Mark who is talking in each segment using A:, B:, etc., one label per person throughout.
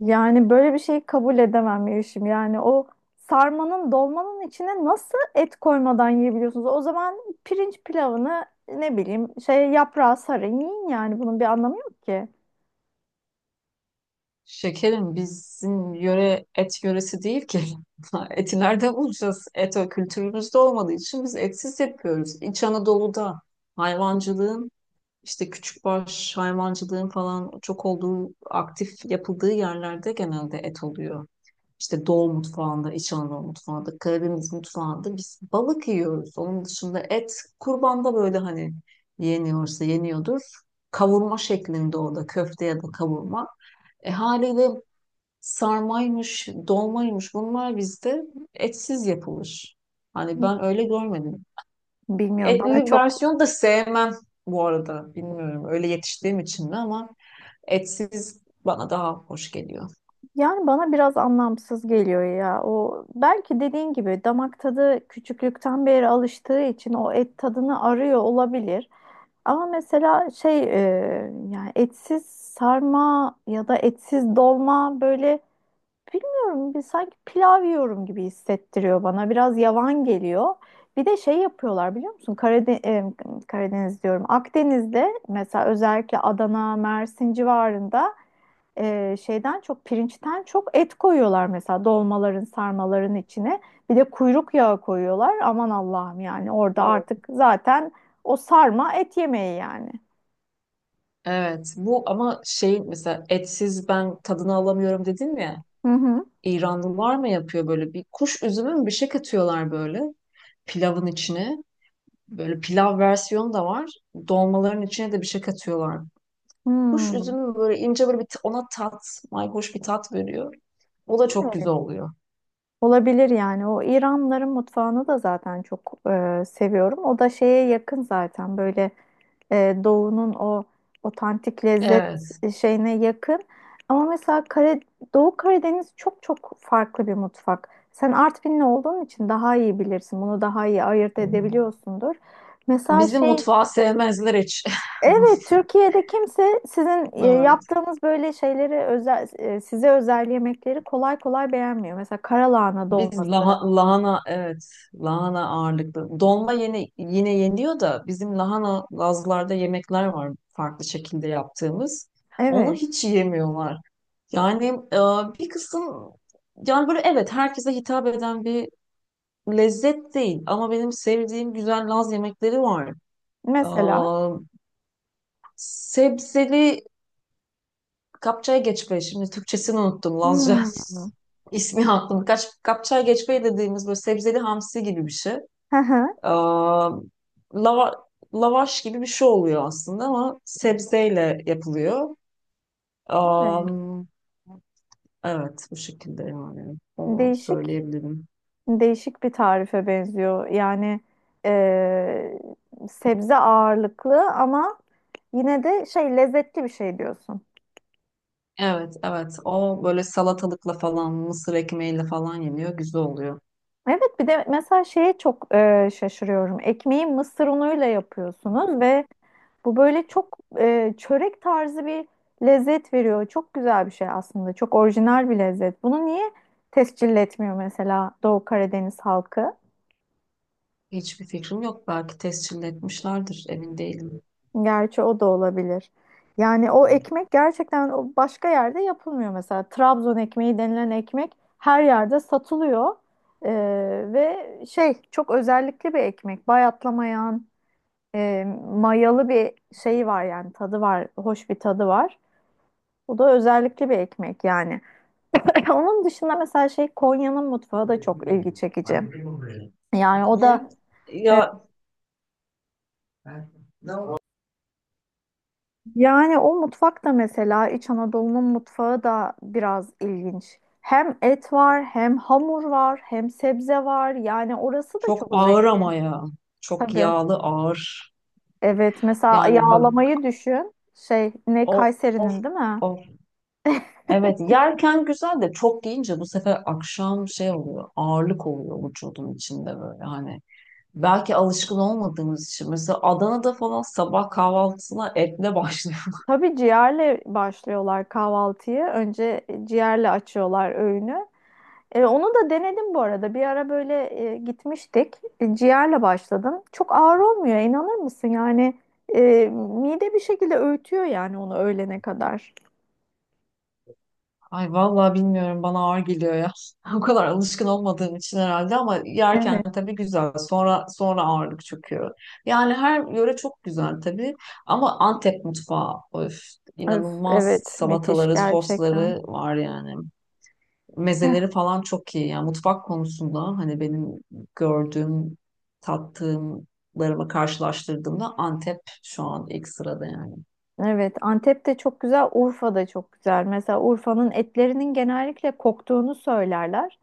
A: Yani böyle bir şeyi kabul edemem Yeşim. Yani o sarmanın dolmanın içine nasıl et koymadan yiyebiliyorsunuz? O zaman pirinç pilavını ne bileyim şey yaprağı sarın yiyin, yani bunun bir anlamı yok ki.
B: Şekerim bizim yöre et yöresi değil ki. Eti nerede bulacağız? Et o kültürümüzde olmadığı için biz etsiz yapıyoruz. İç Anadolu'da hayvancılığın işte küçükbaş hayvancılığın falan çok olduğu aktif yapıldığı yerlerde genelde et oluyor. İşte Doğu mutfağında, İç Anadolu mutfağında, Karadeniz mutfağında biz balık yiyoruz. Onun dışında et kurbanda böyle hani yeniyorsa yeniyordur. Kavurma şeklinde orada köfte ya da kavurma. Haliyle sarmaymış, dolmaymış bunlar bizde etsiz yapılır. Hani ben öyle görmedim.
A: Bilmiyorum, bana
B: Etli
A: çok,
B: versiyonu da sevmem bu arada. Bilmiyorum öyle yetiştiğim için mi ama etsiz bana daha hoş geliyor.
A: yani bana biraz anlamsız geliyor ya. O belki dediğin gibi damak tadı küçüklükten beri alıştığı için o et tadını arıyor olabilir. Ama mesela şey yani etsiz sarma ya da etsiz dolma, böyle bilmiyorum, bir sanki pilav yiyorum gibi hissettiriyor bana. Biraz yavan geliyor. Bir de şey yapıyorlar, biliyor musun? Karadeniz diyorum. Akdeniz'de mesela özellikle Adana, Mersin civarında şeyden çok, pirinçten çok et koyuyorlar mesela dolmaların, sarmaların içine. Bir de kuyruk yağı koyuyorlar. Aman Allah'ım, yani orada
B: Bu-
A: artık zaten o sarma et yemeği yani.
B: Evet bu ama şey mesela etsiz ben tadını alamıyorum dedim ya.
A: Hı hı.
B: İranlılar mı yapıyor böyle bir kuş üzümü mü bir şey katıyorlar böyle pilavın içine. Böyle pilav versiyonu da var. Dolmaların içine de bir şey katıyorlar. Kuş
A: Hmm.
B: üzümü böyle ince böyle ona tat, mayhoş bir tat veriyor. O da çok güzel oluyor.
A: Olabilir yani. O İranların mutfağını da zaten çok seviyorum. O da şeye yakın zaten, böyle doğunun o otantik lezzet
B: Evet.
A: şeyine yakın. Ama mesela Doğu Karadeniz çok çok farklı bir mutfak. Sen Artvinli olduğun için daha iyi bilirsin. Bunu daha iyi ayırt edebiliyorsundur. Mesela
B: Bizim
A: şey
B: mutfağı sevmezler hiç.
A: Evet, Türkiye'de kimse sizin
B: Evet.
A: yaptığınız böyle şeyleri, özel size özel yemekleri kolay kolay beğenmiyor. Mesela karalahana
B: Biz
A: dolması.
B: lahana evet lahana ağırlıklı. Dolma yine yeniyor da bizim lahana Lazlarda yemekler var farklı şekilde yaptığımız. Onu
A: Evet.
B: hiç yemiyorlar. Yani e, bir kısım, yani böyle evet herkese hitap eden bir lezzet değil ama benim sevdiğim güzel Laz yemekleri var. E,
A: Mesela.
B: Sebzeli kapçaya geçme, şimdi Türkçesini unuttum, Lazca
A: Hmm.
B: ismi aklımda. Kapçaya geçme dediğimiz böyle sebzeli hamsi gibi bir şey.
A: Hı hı.
B: E, lava, Lavaş gibi bir şey oluyor aslında ama sebzeyle yapılıyor. E,
A: Evet.
B: evet, bu şekilde yani onu
A: Değişik,
B: söyleyebilirim.
A: değişik bir tarife benziyor. Yani eee, sebze ağırlıklı ama yine de şey, lezzetli bir şey diyorsun.
B: Evet, evet. O böyle salatalıkla falan, mısır ekmeğiyle falan yeniyor. Güzel oluyor.
A: Evet, bir de mesela şeye çok şaşırıyorum. Ekmeği mısır unuyla yapıyorsunuz ve bu böyle çok çörek tarzı bir lezzet veriyor. Çok güzel bir şey aslında. Çok orijinal bir lezzet. Bunu niye tescil etmiyor mesela Doğu Karadeniz halkı?
B: Hiçbir fikrim yok. Belki tescil etmişlerdir. Emin değilim.
A: Gerçi o da olabilir. Yani o ekmek gerçekten o başka yerde yapılmıyor mesela. Trabzon ekmeği denilen ekmek her yerde satılıyor. Ee, ve şey, çok özellikli bir ekmek. Bayatlamayan, mayalı bir şeyi var, yani tadı var, hoş bir tadı var. Bu da özellikli bir ekmek yani. Onun dışında mesela şey, Konya'nın mutfağı da çok ilgi çekici. Yani o da
B: Ya
A: Yani o mutfak da mesela İç Anadolu'nun mutfağı da biraz ilginç. Hem et var, hem hamur var, hem sebze var. Yani orası da
B: çok
A: çok
B: ağır ama
A: zengin.
B: ya. Çok
A: Tabii.
B: yağlı, ağır.
A: Evet, mesela
B: Yani ben-
A: yağlamayı düşün. Şey, ne
B: Of, of,
A: Kayseri'nin değil mi?
B: of. Evet, yerken güzel de çok yiyince bu sefer akşam şey oluyor. Ağırlık oluyor vücudun içinde böyle hani. Belki alışkın olmadığımız için. Mesela Adana'da falan sabah kahvaltısına etle başlıyor.
A: Tabii, ciğerle başlıyorlar kahvaltıyı. Önce ciğerle açıyorlar öğünü. Onu da denedim bu arada. Bir ara böyle gitmiştik. Ciğerle başladım. Çok ağır olmuyor, inanır mısın? Yani e, mide bir şekilde öğütüyor yani onu öğlene kadar.
B: Ay vallahi bilmiyorum bana ağır geliyor ya. O kadar alışkın olmadığım için herhalde ama yerken
A: Evet.
B: tabii güzel. Sonra ağırlık çöküyor. Yani her yöre çok güzel tabii ama Antep mutfağı öf,
A: Öf,
B: inanılmaz
A: evet, müthiş
B: salataları,
A: gerçekten.
B: sosları var yani. Mezeleri falan çok iyi. Yani mutfak konusunda hani benim gördüğüm, tattığımlarımı karşılaştırdığımda Antep şu an ilk sırada yani.
A: Evet, Antep de çok güzel, Urfa da çok güzel. Mesela Urfa'nın etlerinin genellikle koktuğunu söylerler.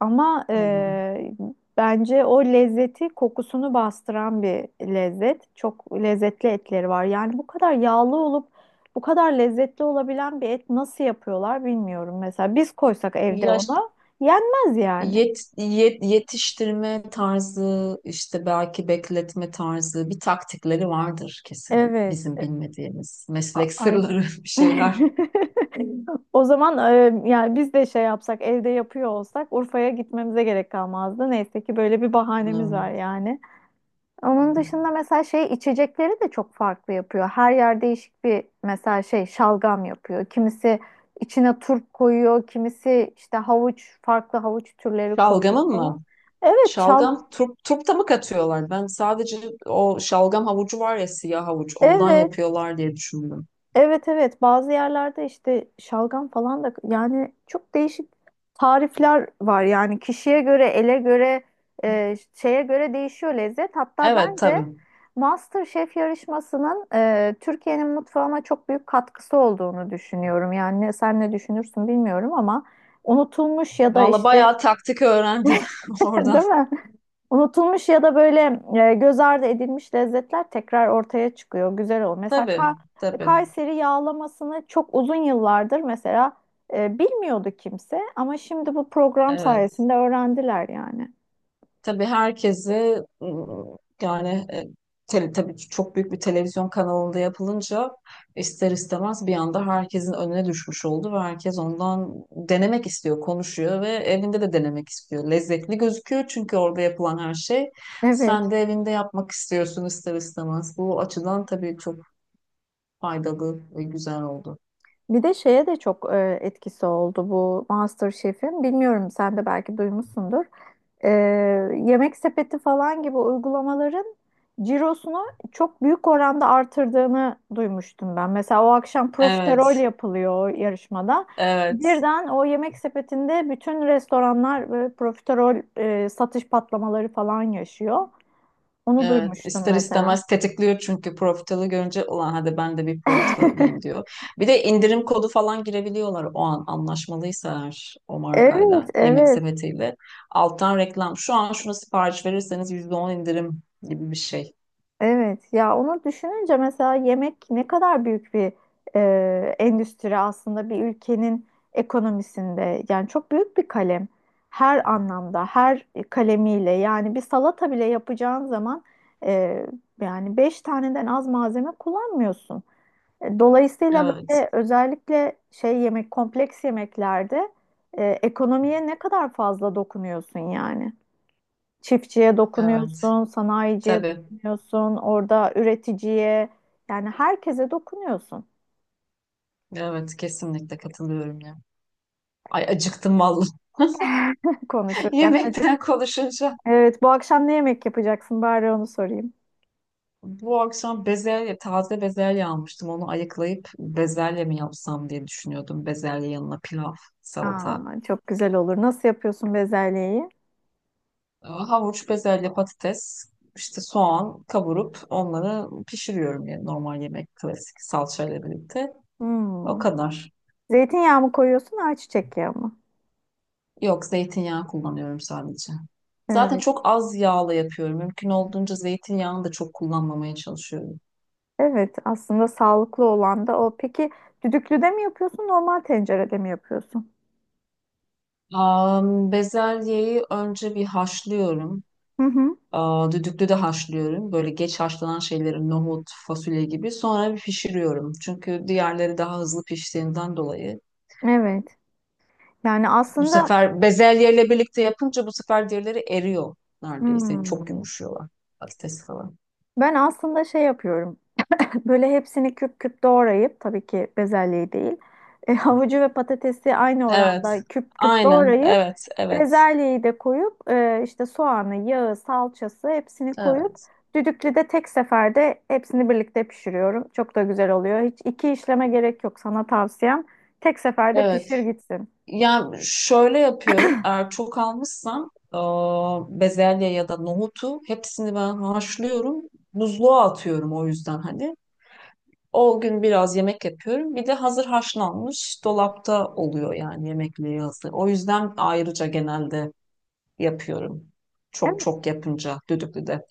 A: Ama
B: Hmm.
A: bence o lezzeti kokusunu bastıran bir lezzet. Çok lezzetli etleri var. Yani bu kadar yağlı olup bu kadar lezzetli olabilen bir et nasıl yapıyorlar bilmiyorum. Mesela biz koysak evde
B: Ya
A: ona yenmez yani.
B: Yetiştirme tarzı, işte belki bekletme tarzı bir taktikleri vardır kesin.
A: Evet,
B: Bizim bilmediğimiz meslek
A: aynen.
B: sırları bir şeyler.
A: O zaman yani biz de şey yapsak, evde yapıyor olsak Urfa'ya gitmemize gerek kalmazdı. Neyse ki böyle bir bahanemiz var
B: Hmm.
A: yani. Onun dışında mesela şey, içecekleri de çok farklı yapıyor. Her yer değişik bir, mesela şey, şalgam yapıyor. Kimisi içine turp koyuyor, kimisi işte havuç, farklı havuç türleri koyuyor
B: Şalgamın mı?
A: falan. Evet,
B: Şalgam turp, turpta mı katıyorlar? Ben sadece o şalgam havucu var ya, siyah havuç, ondan
A: evet.
B: yapıyorlar diye düşündüm.
A: Evet, evet, bazı yerlerde işte şalgam falan da, yani çok değişik tarifler var yani, kişiye göre, ele göre, şeye göre değişiyor lezzet. Hatta
B: Evet
A: bence
B: tabii.
A: MasterChef yarışmasının Türkiye'nin mutfağına çok büyük katkısı olduğunu düşünüyorum. Yani sen ne düşünürsün bilmiyorum ama unutulmuş ya da
B: Valla
A: işte
B: bayağı taktik öğrendim oradan.
A: değil mi? Unutulmuş ya da böyle göz ardı edilmiş lezzetler tekrar ortaya çıkıyor. Güzel oluyor. Mesela
B: Tabii, tabii.
A: Kayseri yağlamasını çok uzun yıllardır mesela bilmiyordu kimse, ama şimdi bu program
B: Evet.
A: sayesinde öğrendiler yani.
B: Tabii herkesi tabii ki çok büyük bir televizyon kanalında yapılınca ister istemez bir anda herkesin önüne düşmüş oldu ve herkes ondan denemek istiyor, konuşuyor ve evinde de denemek istiyor. Lezzetli gözüküyor çünkü orada yapılan her şey. Sen
A: Evet.
B: de evinde yapmak istiyorsun ister istemez. Bu açıdan tabii çok faydalı ve güzel oldu.
A: Bir de şeye de çok etkisi oldu bu MasterChef'in. Bilmiyorum, sen de belki duymuşsundur. E, Yemek Sepeti falan gibi uygulamaların cirosunu çok büyük oranda artırdığını duymuştum ben. Mesela o akşam profiterol
B: Evet,
A: yapılıyor o yarışmada.
B: evet.
A: Birden o Yemek Sepeti'nde bütün restoranlar profiterol satış patlamaları falan yaşıyor. Onu
B: Evet,
A: duymuştum
B: ister
A: mesela.
B: istemez tetikliyor çünkü profitalı görünce ulan hadi ben de bir profitalıyım diyor. Bir de indirim kodu falan girebiliyorlar o an anlaşmalıysa eğer o
A: Evet,
B: markayla, yemek
A: evet.
B: sepetiyle. Alttan reklam. Şu an şuna sipariş verirseniz %10 indirim gibi bir şey.
A: Evet ya, onu düşününce mesela yemek ne kadar büyük bir endüstri aslında bir ülkenin ekonomisinde, yani çok büyük bir kalem, her anlamda, her kalemiyle, yani bir salata bile yapacağın zaman e, yani beş taneden az malzeme kullanmıyorsun. Dolayısıyla
B: Evet,
A: böyle, özellikle şey, yemek kompleks yemeklerde ekonomiye ne kadar fazla dokunuyorsun yani. Çiftçiye
B: evet.
A: dokunuyorsun, sanayiciye
B: Tabii.
A: dokunuyorsun, orada üreticiye, yani herkese dokunuyorsun.
B: Evet, kesinlikle katılıyorum ya. Ay acıktım vallahi.
A: Konuşurken
B: Yemekten
A: acıktım.
B: konuşunca.
A: Evet, bu akşam ne yemek yapacaksın? Bari onu sorayım.
B: Bu akşam bezelye, taze bezelye almıştım. Onu ayıklayıp bezelye mi yapsam diye düşünüyordum. Bezelye yanına pilav, salata,
A: Aa, çok güzel olur. Nasıl yapıyorsun bezelyeyi?
B: havuç, bezelye, patates, işte soğan kavurup onları pişiriyorum yani normal yemek, klasik salçayla birlikte. O
A: Hmm.
B: kadar.
A: Zeytinyağı mı koyuyorsun, ayçiçek yağı mı?
B: Yok, zeytinyağı kullanıyorum sadece. Zaten
A: Evet,
B: çok az yağla yapıyorum. Mümkün olduğunca zeytinyağını da çok kullanmamaya çalışıyorum.
A: evet. Aslında sağlıklı olan da o. Peki düdüklüde mi yapıyorsun, normal tencerede mi yapıyorsun?
B: Bezelyeyi önce bir haşlıyorum.
A: Hı hı.
B: Aa, düdüklü de haşlıyorum. Böyle geç haşlanan şeyleri, nohut, fasulye gibi. Sonra bir pişiriyorum. Çünkü diğerleri daha hızlı piştiğinden dolayı.
A: Evet. Yani
B: Bu
A: aslında,
B: sefer bezelyeyle birlikte yapınca bu sefer diğerleri eriyor neredeyse. Çok
A: hmm,
B: yumuşuyorlar. Patates falan.
A: ben aslında şey yapıyorum. Böyle hepsini küp küp doğrayıp, tabii ki bezelyeyi değil. Havucu ve patatesi aynı
B: Evet.
A: oranda küp küp
B: Aynen.
A: doğrayıp,
B: Evet. Evet.
A: bezelyeyi de koyup, işte soğanı, yağı, salçası hepsini koyup
B: Evet.
A: düdüklüde tek seferde hepsini birlikte pişiriyorum. Çok da güzel oluyor. Hiç iki işleme gerek yok, sana tavsiyem. Tek seferde
B: Evet.
A: pişir gitsin.
B: Yani şöyle yapıyorum. Eğer çok almışsam aa, bezelye ya da nohutu hepsini ben haşlıyorum. Buzluğa atıyorum o yüzden hani. O gün biraz yemek yapıyorum. Bir de hazır haşlanmış dolapta oluyor yani yemekleri hazır. O yüzden ayrıca genelde yapıyorum. Çok
A: Evet,
B: çok yapınca düdüklüde.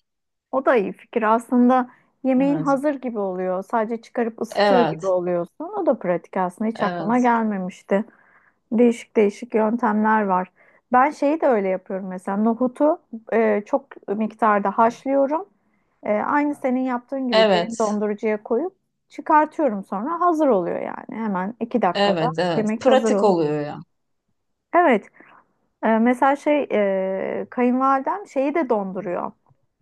A: o da iyi fikir. Aslında yemeğin
B: Evet.
A: hazır gibi oluyor. Sadece çıkarıp ısıtıyor gibi
B: Evet,
A: oluyorsun. O da pratik aslında. Hiç aklıma
B: evet.
A: gelmemişti. Değişik değişik yöntemler var. Ben şeyi de öyle yapıyorum mesela. Nohutu çok miktarda haşlıyorum. Aynı senin yaptığın gibi derin
B: Evet,
A: dondurucuya koyup çıkartıyorum, sonra hazır oluyor yani. Hemen 2 dakikada
B: evet, evet.
A: yemek hazır
B: Pratik
A: olur.
B: oluyor ya.
A: Evet, mesela şey, kayınvalidem şeyi de donduruyor.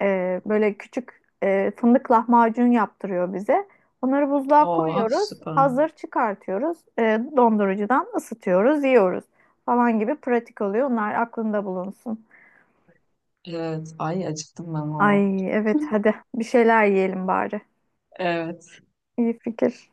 A: Böyle küçük fındık lahmacun yaptırıyor bize. Onları buzluğa
B: Oh,
A: koyuyoruz,
B: süper.
A: hazır çıkartıyoruz, dondurucudan ısıtıyoruz, yiyoruz falan, gibi pratik oluyor. Onlar aklında bulunsun.
B: Evet. Ay acıktım ben valla.
A: Ay evet, hadi bir şeyler yiyelim bari.
B: Evet.
A: İyi fikir.